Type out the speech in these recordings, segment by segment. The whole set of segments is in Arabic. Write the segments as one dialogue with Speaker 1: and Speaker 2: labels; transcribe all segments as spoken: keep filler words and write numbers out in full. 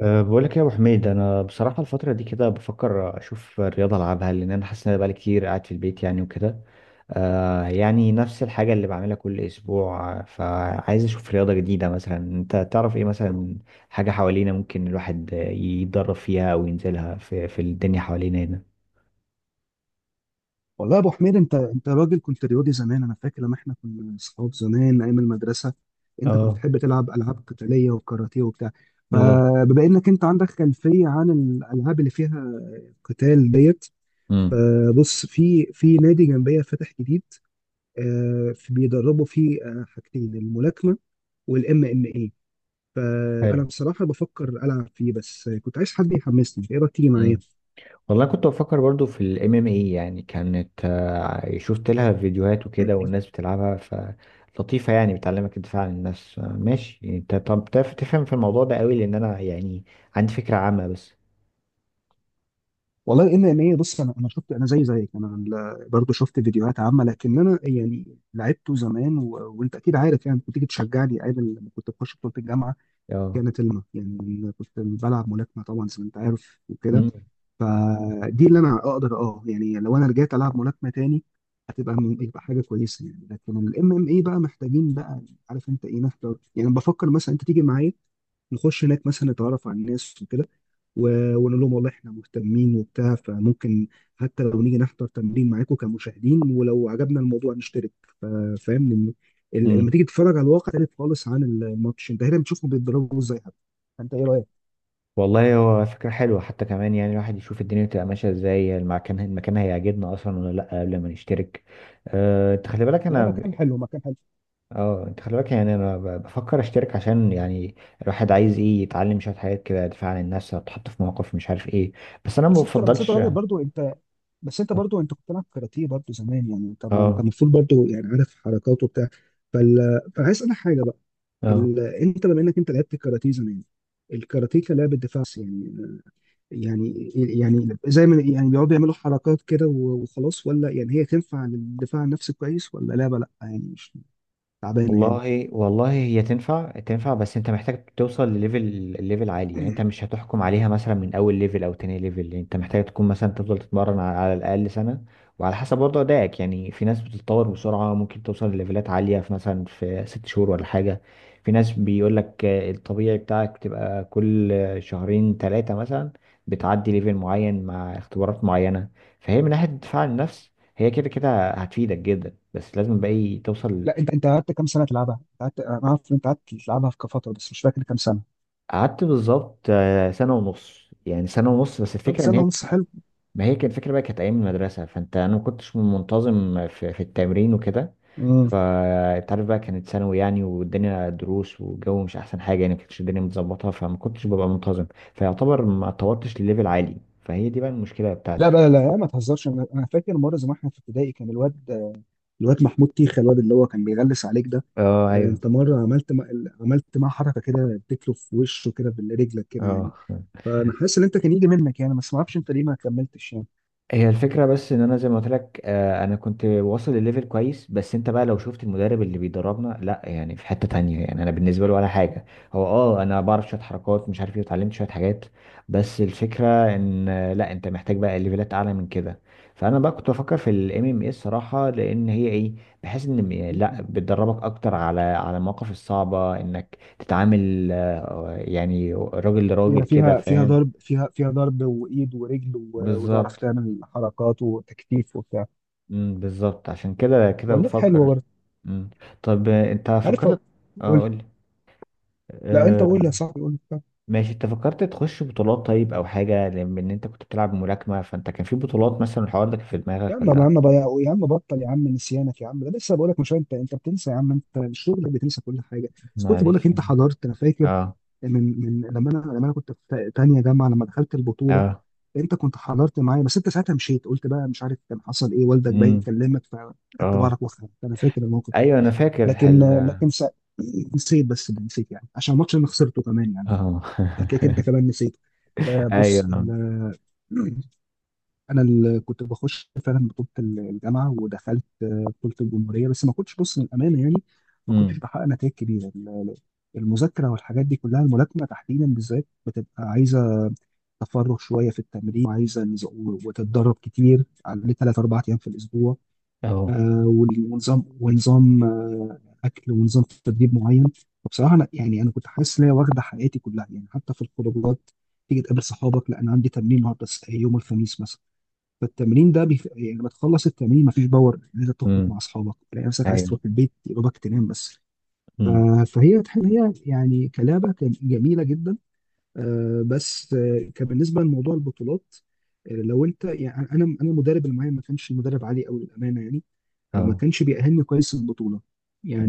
Speaker 1: أه، بقول لك يا ابو حميد، انا بصراحه الفتره دي كده بفكر اشوف الرياضه العبها لان انا حاسس ان انا بقالي كتير قاعد في البيت يعني وكده. أه، يعني نفس الحاجه اللي بعملها كل اسبوع فعايز اشوف رياضه جديده، مثلا انت تعرف ايه مثلا؟ حاجه حوالينا ممكن الواحد يتدرب فيها او ينزلها في في الدنيا حوالينا هنا.
Speaker 2: والله يا ابو حميد، انت انت راجل، كنت رياضي زمان. انا فاكر لما احنا كنا اصحاب زمان ايام المدرسه، انت كنت
Speaker 1: اه.
Speaker 2: بتحب تلعب العاب قتاليه وكاراتيه وبتاع.
Speaker 1: بالظبط.
Speaker 2: فبما انك انت عندك خلفيه عن الالعاب اللي فيها قتال ديت،
Speaker 1: امم.
Speaker 2: فبص في في نادي جنبيه فاتح جديد. آه، في- بيدربوا فيه آه، حاجتين: الملاكمه والام ام اي. فانا بصراحه بفكر العب فيه، بس كنت عايز حد يحمسني. ايه رايك تيجي معايا؟
Speaker 1: حلو. والله كنت بفكر برضو في الام ام اي، يعني كانت آه، شفت لها فيديوهات وكده، والناس بتلعبها فلطيفة، يعني بتعلمك الدفاع عن النفس. آه، ماشي يعني. انت طب تعرف تفهم في الموضوع ده قوي؟ لان انا يعني عندي فكرة عامة بس.
Speaker 2: والله ان ان ايه، بص، انا انا شفت، انا زي زيك، انا ال- برضو شفت فيديوهات عامه، لكن انا يعني لعبته زمان و... وانت اكيد عارف يعني، كنت تيجي تشجعني ايام لما كنت بخش بطوله الجامعه،
Speaker 1: اه.
Speaker 2: كانت الم يعني. أنا كنت بلعب ملاكمه طبعا زي ما انت عارف وكده،
Speaker 1: مم.
Speaker 2: فدي اللي انا اقدر اه يعني، لو انا رجعت العب ملاكمه تاني هتبقى من يبقى حاجه كويسه يعني. لكن الام ام اي بقى محتاجين بقى، عارف انت ايه نحضر، يعني بفكر مثلا انت تيجي معايا نخش هناك، مثلا نتعرف على الناس وكده. و- ونقول لهم والله احنا مهتمين وبتاع. فممكن حتى لو نيجي نحضر تمرين معاكم كمشاهدين، ولو عجبنا الموضوع نشترك. ف- فاهم؟ لأن ال- لما
Speaker 1: مم.
Speaker 2: تيجي تتفرج على الواقع تختلف خالص عن الماتش، انت هنا بتشوفهم بيتضربوا ازاي حتى. انت ايه رايك؟
Speaker 1: والله هو فكرة حلوة، حتى كمان يعني الواحد يشوف الدنيا بتبقى ماشية ازاي، المكان المكان هيعجبنا اصلا ولا لا قبل ما نشترك. أه، انت خلي بالك
Speaker 2: لا،
Speaker 1: انا.
Speaker 2: مكان حلو مكان حلو.
Speaker 1: اه، انت خلي بالك يعني انا ب- بفكر اشترك عشان يعني الواحد عايز ايه، يتعلم شويه حاجات كده، دفاع عن النفس، هتحط في مواقف مش عارف ايه، بس انا ما
Speaker 2: بس انت بس انت
Speaker 1: بفضلش.
Speaker 2: راجل برضو انت. بس انت برضو انت كنت بتلعب كاراتيه برضو زمان يعني، انت انت
Speaker 1: اه.
Speaker 2: المفروض برضو يعني عارف حركاته وبتاع. فال... فعايز اسالك حاجه بقى.
Speaker 1: اه.
Speaker 2: ال... انت بما انك انت لعبت كاراتيه زمان، الكاراتيه كلاعب دفاع يعني، يعني يعني زي ما يعني بيقعدوا يعملوا حركات كده و- وخلاص، ولا يعني هي تنفع للدفاع عن النفس كويس؟ ولا لعبة لا يعني مش تعبانة يعني؟
Speaker 1: والله والله هي تنفع تنفع، بس انت محتاج توصل لليفل ليفل عالي. يعني انت مش هتحكم عليها مثلا من اول ليفل او تاني ليفل، يعني انت محتاج تكون مثلا تفضل تتمرن على على الاقل سنة. وعلى حسب برضه ادائك، يعني في ناس بتتطور بسرعة ممكن توصل لليفلات عالية في مثلا في ست شهور ولا حاجة. في ناس بيقول لك آه، الطبيعي بتاعك تبقى كل آه، شهرين ثلاثة مثلا بتعدي ليفل معين مع اختبارات معينة. فهي من ناحية دفاع عن النفس هي كده كده هتفيدك جدا، بس لازم بقى إيه توصل.
Speaker 2: لا، انت انت قعدت كام سنة تلعبها؟ انت قعدت، انا عارف ان انت قعدت تلعبها في فترة، بس مش فاكر كام سنة.
Speaker 1: قعدت بالظبط آه، سنة ونص، يعني سنة ونص بس
Speaker 2: طب
Speaker 1: الفكرة ان
Speaker 2: سنة
Speaker 1: هي.
Speaker 2: ونص حلو.
Speaker 1: ما هي كانت الفكرة بقى كانت ايام المدرسة، فانت انا ما كنتش منتظم في, في التمرين وكده.
Speaker 2: امم.
Speaker 1: فانت عارف بقى كانت ثانوي يعني والدنيا دروس والجو مش احسن حاجة، يعني ما كانتش الدنيا متظبطة فما كنتش ببقى منتظم. فيعتبر ما اتطورتش لليفل عالي، فهي دي بقى المشكلة
Speaker 2: لا
Speaker 1: بتاعتي.
Speaker 2: بقى، لا لا، ما تهزرش. انا انا فاكر مرة زمان احنا في ابتدائي، كان الواد الواد محمود تيخة، الواد اللي هو كان بيغلس عليك ده.
Speaker 1: اه.
Speaker 2: آه،
Speaker 1: ايوه.
Speaker 2: انت مرة عملت مع... عملت معاه حركة كده، اديت له في وشه كده برجلك كده يعني.
Speaker 1: اه.
Speaker 2: فانا حاسس ان انت كان يجي منك يعني، بس ما اعرفش انت ليه ما كملتش يعني.
Speaker 1: هي الفكرة بس ان انا زي ما قلت لك آه، انا كنت واصل لليفل كويس، بس انت بقى لو شفت المدرب اللي بيدربنا، لا يعني في حتة تانية، يعني انا بالنسبة له ولا حاجة. هو اه انا بعرف شوية حركات مش عارف ايه، اتعلمت شوية حاجات. بس الفكرة ان آه، لا، انت محتاج بقى ليفلات اعلى من كده. فانا بقى كنت بفكر في الام ام اي الصراحة، لان هي ايه، بحيث ان م- لا بتدربك اكتر على على المواقف الصعبة، انك تتعامل آه، يعني راجل لراجل
Speaker 2: فيها
Speaker 1: كده،
Speaker 2: فيها فيها
Speaker 1: فاهم؟
Speaker 2: ضرب فيها فيها ضرب وايد ورجل، و- وتعرف
Speaker 1: بالظبط.
Speaker 2: تعمل حركات وتكتيف وبتاع.
Speaker 1: امم بالظبط، عشان كده كده
Speaker 2: والله حلوه
Speaker 1: بفكر.
Speaker 2: برضه.
Speaker 1: امم طب آه، انت
Speaker 2: عارف.
Speaker 1: فكرت؟ اه،
Speaker 2: قول.
Speaker 1: قول لي.
Speaker 2: لا انت قول يا
Speaker 1: آه.
Speaker 2: صاحبي، قول لي.
Speaker 1: ماشي، انت فكرت تخش بطولات طيب او حاجه؟ لان انت كنت بتلعب ملاكمه، فانت كان في بطولات مثلا، الحوار ده كان في
Speaker 2: يا
Speaker 1: دماغك
Speaker 2: عم، يا
Speaker 1: ولا؟
Speaker 2: عم بقى، يا عم بطل، يا عم نسيانك يا عم، ده لسه بقول لك، مش انت انت بتنسى يا عم، انت الشغل بتنسى كل حاجه. بس كنت بقول لك
Speaker 1: معلش.
Speaker 2: انت حضرت، انا فاكر
Speaker 1: اه.
Speaker 2: من من لما انا لما انا كنت في تانيه جامعه لما دخلت البطوله.
Speaker 1: اه.
Speaker 2: انت كنت حضرت معايا، بس انت ساعتها مشيت، قلت بقى مش عارف كان حصل ايه، والدك
Speaker 1: امم.
Speaker 2: باين كلمك فخدت
Speaker 1: اه،
Speaker 2: بعضك واخدت. انا فاكر الموقف ده.
Speaker 1: ايوه انا فاكر
Speaker 2: لكن
Speaker 1: الحل. اه.
Speaker 2: لكن س- نسيت، بس ده نسيت يعني عشان الماتش انا خسرته كمان يعني. ف- فهتلاقيك انت كمان نسيت. آه، بص
Speaker 1: ايوه.
Speaker 2: ال... انا اللي كنت بخش فعلا بطوله الجامعه، ودخلت آه، بطوله الجمهوريه، بس ما كنتش بص للامانه يعني. ما كنتش
Speaker 1: امم.
Speaker 2: بحقق نتائج كبيره، ال- المذاكره والحاجات دي كلها. الملاكمه تحديدا بالذات بتبقى عايزه تفرغ شويه في التمرين، وعايزه نز- وتتدرب كتير على ثلاث اربع ايام في الاسبوع.
Speaker 1: اهو.
Speaker 2: آه، وال- ونظام ونظام آه، اكل، ونظام تدريب معين. فبصراحه انا يعني انا كنت حاسس ان هي واخده حياتي كلها يعني، حتى في الخروجات. تيجي تقابل صحابك، لا انا عندي تمرين النهارده، الس- يوم الخميس مثلا، فالتمرين ده بيف... يعني لما تخلص التمرين مفيش باور ان انت تخرج
Speaker 1: امم.
Speaker 2: مع اصحابك، تلاقي نفسك عايز
Speaker 1: ايوه.
Speaker 2: تروح البيت، يا دوبك تنام بس. ف-
Speaker 1: امم.
Speaker 2: فهي، تحب هي يعني كلعبه، كان جميله جدا. آه، بس آه، كان بالنسبه لموضوع البطولات، آه، لو انت يعني، انا انا المدرب اللي معايا ما كانش مدرب عالي قوي للامانه يعني، فما
Speaker 1: اه.
Speaker 2: كانش بيأهلني كويس للبطوله.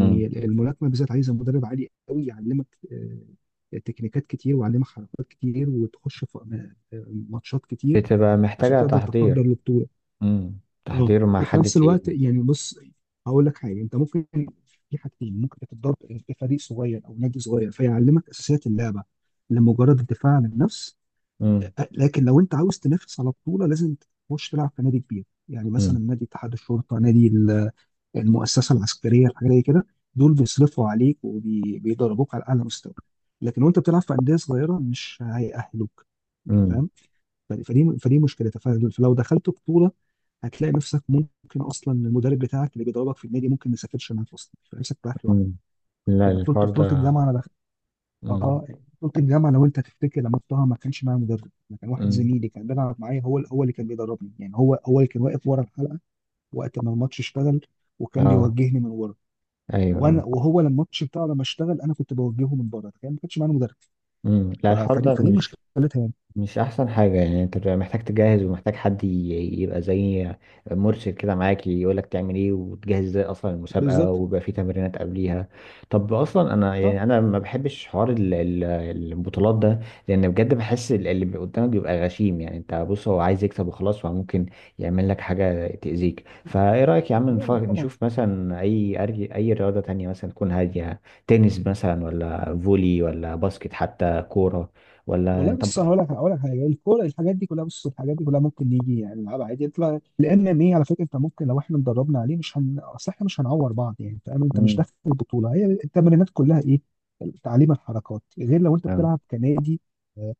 Speaker 1: امم
Speaker 2: الملاكمه بالذات عايزه مدرب عالي قوي يعلمك آه، تكنيكات كتير، ويعلمك حركات كتير، وتخش في آه، آه، ماتشات كتير
Speaker 1: بتبقى
Speaker 2: عشان
Speaker 1: محتاجه
Speaker 2: تقدر تحضر
Speaker 1: تحضير.
Speaker 2: البطوله.
Speaker 1: امم
Speaker 2: اه.
Speaker 1: تحضير مع
Speaker 2: وفي
Speaker 1: حد
Speaker 2: نفس الوقت
Speaker 1: تقيل.
Speaker 2: يعني بص، هقول لك حاجه. انت ممكن، في حاجتين ممكن تتدرب، في فريق صغير او نادي صغير فيعلمك اساسيات اللعبه لمجرد الدفاع عن النفس.
Speaker 1: امم.
Speaker 2: آه، لكن لو انت عاوز تنافس على بطوله لازم تخش تلعب في نادي كبير، يعني مثلا نادي اتحاد الشرطه، نادي المؤسسه العسكريه، الحاجه زي كده. دول بيصرفوا عليك وبيدربوك على اعلى مستوى، لكن وانت بتلعب في انديه صغيره مش هيأهلوك. يعني
Speaker 1: امم.
Speaker 2: فاهم، ف- فدي فدي مشكلتها. ف- فلو دخلت بطوله هتلاقي نفسك، ممكن اصلا المدرب بتاعك اللي بيدربك في النادي ممكن ما يسافرش معاك اصلا، فنفسك رايح
Speaker 1: مم.
Speaker 2: لوحدك.
Speaker 1: لا،
Speaker 2: يعني بطوله
Speaker 1: الحوار
Speaker 2: بطوله
Speaker 1: ده.
Speaker 2: الجامعه انا دخلت.
Speaker 1: مم.
Speaker 2: اه. بطوله الجامعه لو انت تفتكر لما رحتها، ما كانش معايا مدرب. أنا كان واحد
Speaker 1: مم.
Speaker 2: زميلي كان بيلعب معايا، هو هو اللي كان بيدربني يعني، هو هو اللي كان واقف ورا الحلقه وقت ما الماتش اشتغل، وكان
Speaker 1: اه،
Speaker 2: بيوجهني من ورا.
Speaker 1: ايوه اه.
Speaker 2: وانا وهو لما الماتش بتاعه لما اشتغل انا كنت بوجهه من بره، تخيل ما كانش معانا مدرب.
Speaker 1: مم. لا
Speaker 2: ف-
Speaker 1: الحوار
Speaker 2: فدي
Speaker 1: ده
Speaker 2: فدي
Speaker 1: مش
Speaker 2: مشكلتها يعني.
Speaker 1: مش احسن حاجة يعني. انت بتبقى محتاج تجهز ومحتاج حد ي- يبقى زي مرشد كده معاك، يقولك تعمل ايه وتجهز ازاي اصلا المسابقة،
Speaker 2: بالظبط.
Speaker 1: ويبقى في تمرينات قبليها. طب اصلا انا
Speaker 2: صح.
Speaker 1: يعني انا ما بحبش حوار ال- ال- البطولات ده، لان بجد بحس ال- اللي قدامك بيبقى غشيم. يعني انت بص هو عايز يكسب وخلاص، وممكن يعمل لك حاجة تأذيك. فايه رأيك يا عم
Speaker 2: لا
Speaker 1: نف-
Speaker 2: لا طبعا.
Speaker 1: نشوف مثلا اي أرج- اي رياضة تانية مثلا تكون هادية؟ تنس مثلا، ولا فولي، ولا باسكت، حتى كورة، ولا
Speaker 2: والله
Speaker 1: انت؟
Speaker 2: بص، انا هقول لك هقول لك حاجه. الكوره، الحاجات دي كلها، بص، الحاجات دي كلها ممكن نيجي يعني نلعبها عادي يطلع، لان ايه، على فكره انت ممكن لو احنا اتدربنا عليه مش هن اصل احنا مش هنعور بعض يعني، فاهم؟ انت مش
Speaker 1: مم.
Speaker 2: داخل البطوله، هي التمرينات كلها ايه، تعليم الحركات. غير لو انت
Speaker 1: تمام.
Speaker 2: بتلعب كنادي، آه،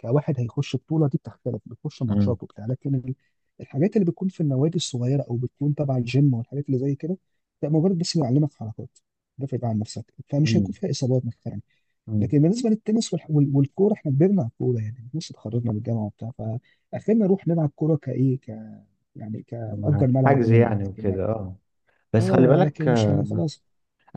Speaker 2: كواحد هيخش بطوله، دي بتختلف، بتخش
Speaker 1: مم.
Speaker 2: ماتشات وبتاع. لكن ال- الحاجات اللي بتكون في النوادي الصغيره، او بتكون تبع الجيم والحاجات اللي زي كده، ده مجرد بس بيعلمك حركات، دافع بقى عن نفسك، فمش هيكون
Speaker 1: مم.
Speaker 2: فيها اصابات مثلا.
Speaker 1: مم.
Speaker 2: لكن بالنسبه للتنس والح- وال- والكوره، احنا كبرنا على الكوره يعني، لسه اتخرجنا من الجامعه وبتاع. فاخرنا نروح نلعب كوره كايه ك يعني، كنأجر ملعب
Speaker 1: حجز
Speaker 2: ونلعب.
Speaker 1: يعني
Speaker 2: لكن،
Speaker 1: وكده، اه. بس خلي
Speaker 2: اه،
Speaker 1: بالك
Speaker 2: لكن مش هن
Speaker 1: آه،
Speaker 2: خلاص.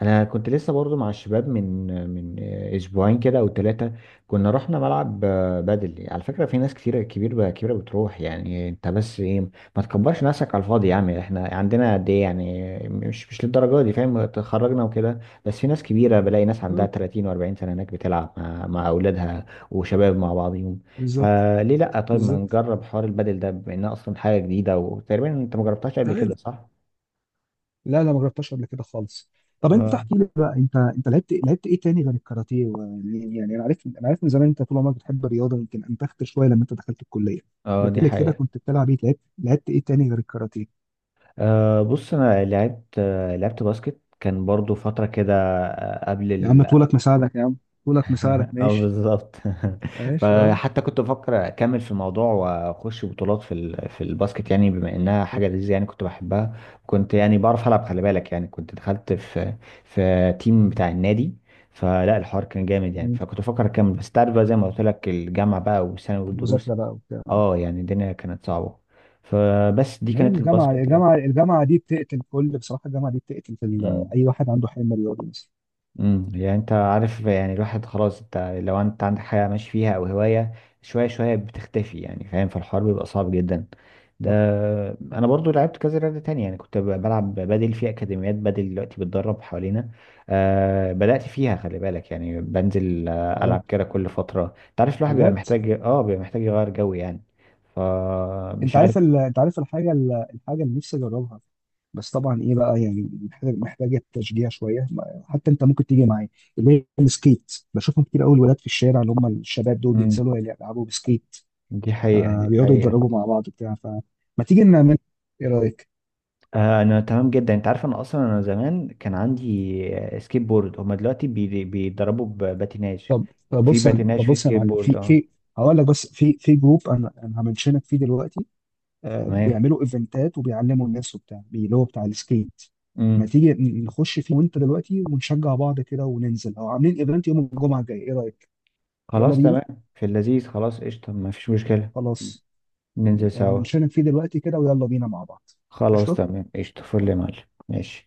Speaker 1: انا كنت لسه برضو مع الشباب من من اسبوعين كده او ثلاثه. كنا رحنا ملعب آه، بدل، على فكره في ناس كتيره كبيره كبيره بتروح، يعني انت بس ايه، ما تكبرش نفسك على الفاضي يا عم، احنا عندنا قد ايه، يعني مش مش للدرجه دي، فاهم؟ اتخرجنا وكده. بس في ناس كبيره، بلاقي ناس عندها
Speaker 2: اه
Speaker 1: ثلاثين و40 سنه هناك بتلعب مع مع اولادها وشباب مع بعضهم.
Speaker 2: بالظبط.
Speaker 1: فليه لا؟ طيب ما
Speaker 2: بالظبط.
Speaker 1: نجرب حوار البدل ده بما انها اصلا حاجه جديده، وتقريبا انت ما جربتهاش قبل كده
Speaker 2: تعالى.
Speaker 1: صح؟
Speaker 2: لا لا ما جربتهاش قبل كده خالص. طب انت احكي
Speaker 1: ف-
Speaker 2: لي بقى، انت انت لعبت لعبت ايه تاني غير الكاراتيه؟ و... يعني انا عارف انا عارف من زمان انت طول عمرك بتحب الرياضه، يمكن انتخت شويه لما انت دخلت الكليه.
Speaker 1: اه، دي
Speaker 2: لكن قبل كده
Speaker 1: حقيقة.
Speaker 2: كنت بتلعب ايه؟ لعبت لعبت ايه تاني غير الكاراتيه؟
Speaker 1: أه، بص انا لعبت آه، لعبت باسكت كان برضو فترة كده آه، قبل
Speaker 2: يا عم
Speaker 1: ال
Speaker 2: طولك مساعدك يا عم، طولك مساعدك
Speaker 1: اه،
Speaker 2: ماشي.
Speaker 1: بالظبط.
Speaker 2: عايش اه.
Speaker 1: فحتى كنت بفكر اكمل في الموضوع واخش بطولات في ال... في الباسكت، يعني بما انها حاجة لذيذة يعني كنت بحبها. كنت يعني بعرف العب، خلي بالك، يعني كنت دخلت في في تيم بتاع النادي، فلا الحوار كان جامد يعني،
Speaker 2: مم.
Speaker 1: فكنت بفكر اكمل، بس تعرف بقى زي ما قلت لك الجامعة بقى والثانوي والدروس،
Speaker 2: مذاكره بقى وبتاع.
Speaker 1: اه يعني الدنيا كانت صعبة. فبس دي
Speaker 2: ما هي
Speaker 1: كانت
Speaker 2: الجامعه،
Speaker 1: الباسكت.
Speaker 2: الجامعه الجامعه دي بتقتل كل، بصراحه الجامعه دي بتقتل في ال-
Speaker 1: مم.
Speaker 2: اي واحد عنده حلم رياضي مثلا.
Speaker 1: امم يعني انت عارف يعني الواحد خلاص، انت لو انت عندك حاجه ماشي فيها او هوايه، شويه شويه بتختفي، يعني فاهم؟ فالحوار بيبقى صعب جدا ده.
Speaker 2: صح. صح.
Speaker 1: انا برضو لعبت كذا رياضه تانية، يعني كنت ب- بلعب بدل في اكاديميات بدل، دلوقتي بتدرب حوالينا. آه بدات فيها، خلي بالك، يعني بنزل آه،
Speaker 2: اه.
Speaker 1: العب كده كل فتره. انت عارف الواحد بيبقى
Speaker 2: بجد.
Speaker 1: محتاج اه، بيبقى محتاج يغير جو يعني،
Speaker 2: انت
Speaker 1: فمش عارف.
Speaker 2: عارف ال... انت عارف الحاجه، ال... الحاجه اللي نفسي اجربها، بس طبعا ايه بقى، يعني محتاج، محتاجه تشجيع شويه، ما- حتى انت ممكن تيجي معايا، اللي هي السكيت. بشوفهم كتير قوي الولاد في الشارع، اللي هم الشباب دول
Speaker 1: امم
Speaker 2: بينزلوا يلعبوا بسكيت،
Speaker 1: دي حقيقه دي
Speaker 2: فبيقعدوا
Speaker 1: حقيقه.
Speaker 2: يتدربوا مع بعض وبتاع. فما تيجي نعمل، ايه رايك؟
Speaker 1: آه، انا تمام جدا، انت عارف انا اصلا انا زمان كان عندي آه، سكيت بورد، هما دلوقتي بي- بيتدربوا بباتيناج.
Speaker 2: طب طب
Speaker 1: في
Speaker 2: بص يا-
Speaker 1: باتيناج،
Speaker 2: طب
Speaker 1: في
Speaker 2: بص يا
Speaker 1: سكيت
Speaker 2: معلم،
Speaker 1: بورد،
Speaker 2: في
Speaker 1: اه.
Speaker 2: في هقول لك بس، في في جروب انا انا همنشنك فيه دلوقتي. آه
Speaker 1: تمام.
Speaker 2: بيعملوا ايفنتات وبيعلموا الناس وبتاع، بي- اللي هو بتاع السكيت. ما
Speaker 1: امم
Speaker 2: تيجي ن- نخش فيه وانت دلوقتي، ونشجع بعض كده وننزل، او عاملين ايفنت يوم الجمعه الجاي، ايه رايك؟ يلا
Speaker 1: خلاص
Speaker 2: بينا.
Speaker 1: تمام، في اللذيذ، خلاص قشطه، ما فيش مشكله.
Speaker 2: خلاص.
Speaker 1: ننزل سوا.
Speaker 2: همنشنك فيه دلوقتي كده، ويلا بينا مع بعض.
Speaker 1: خلاص
Speaker 2: قشطه.
Speaker 1: تمام قشطه، فل يا معلم. ماشي.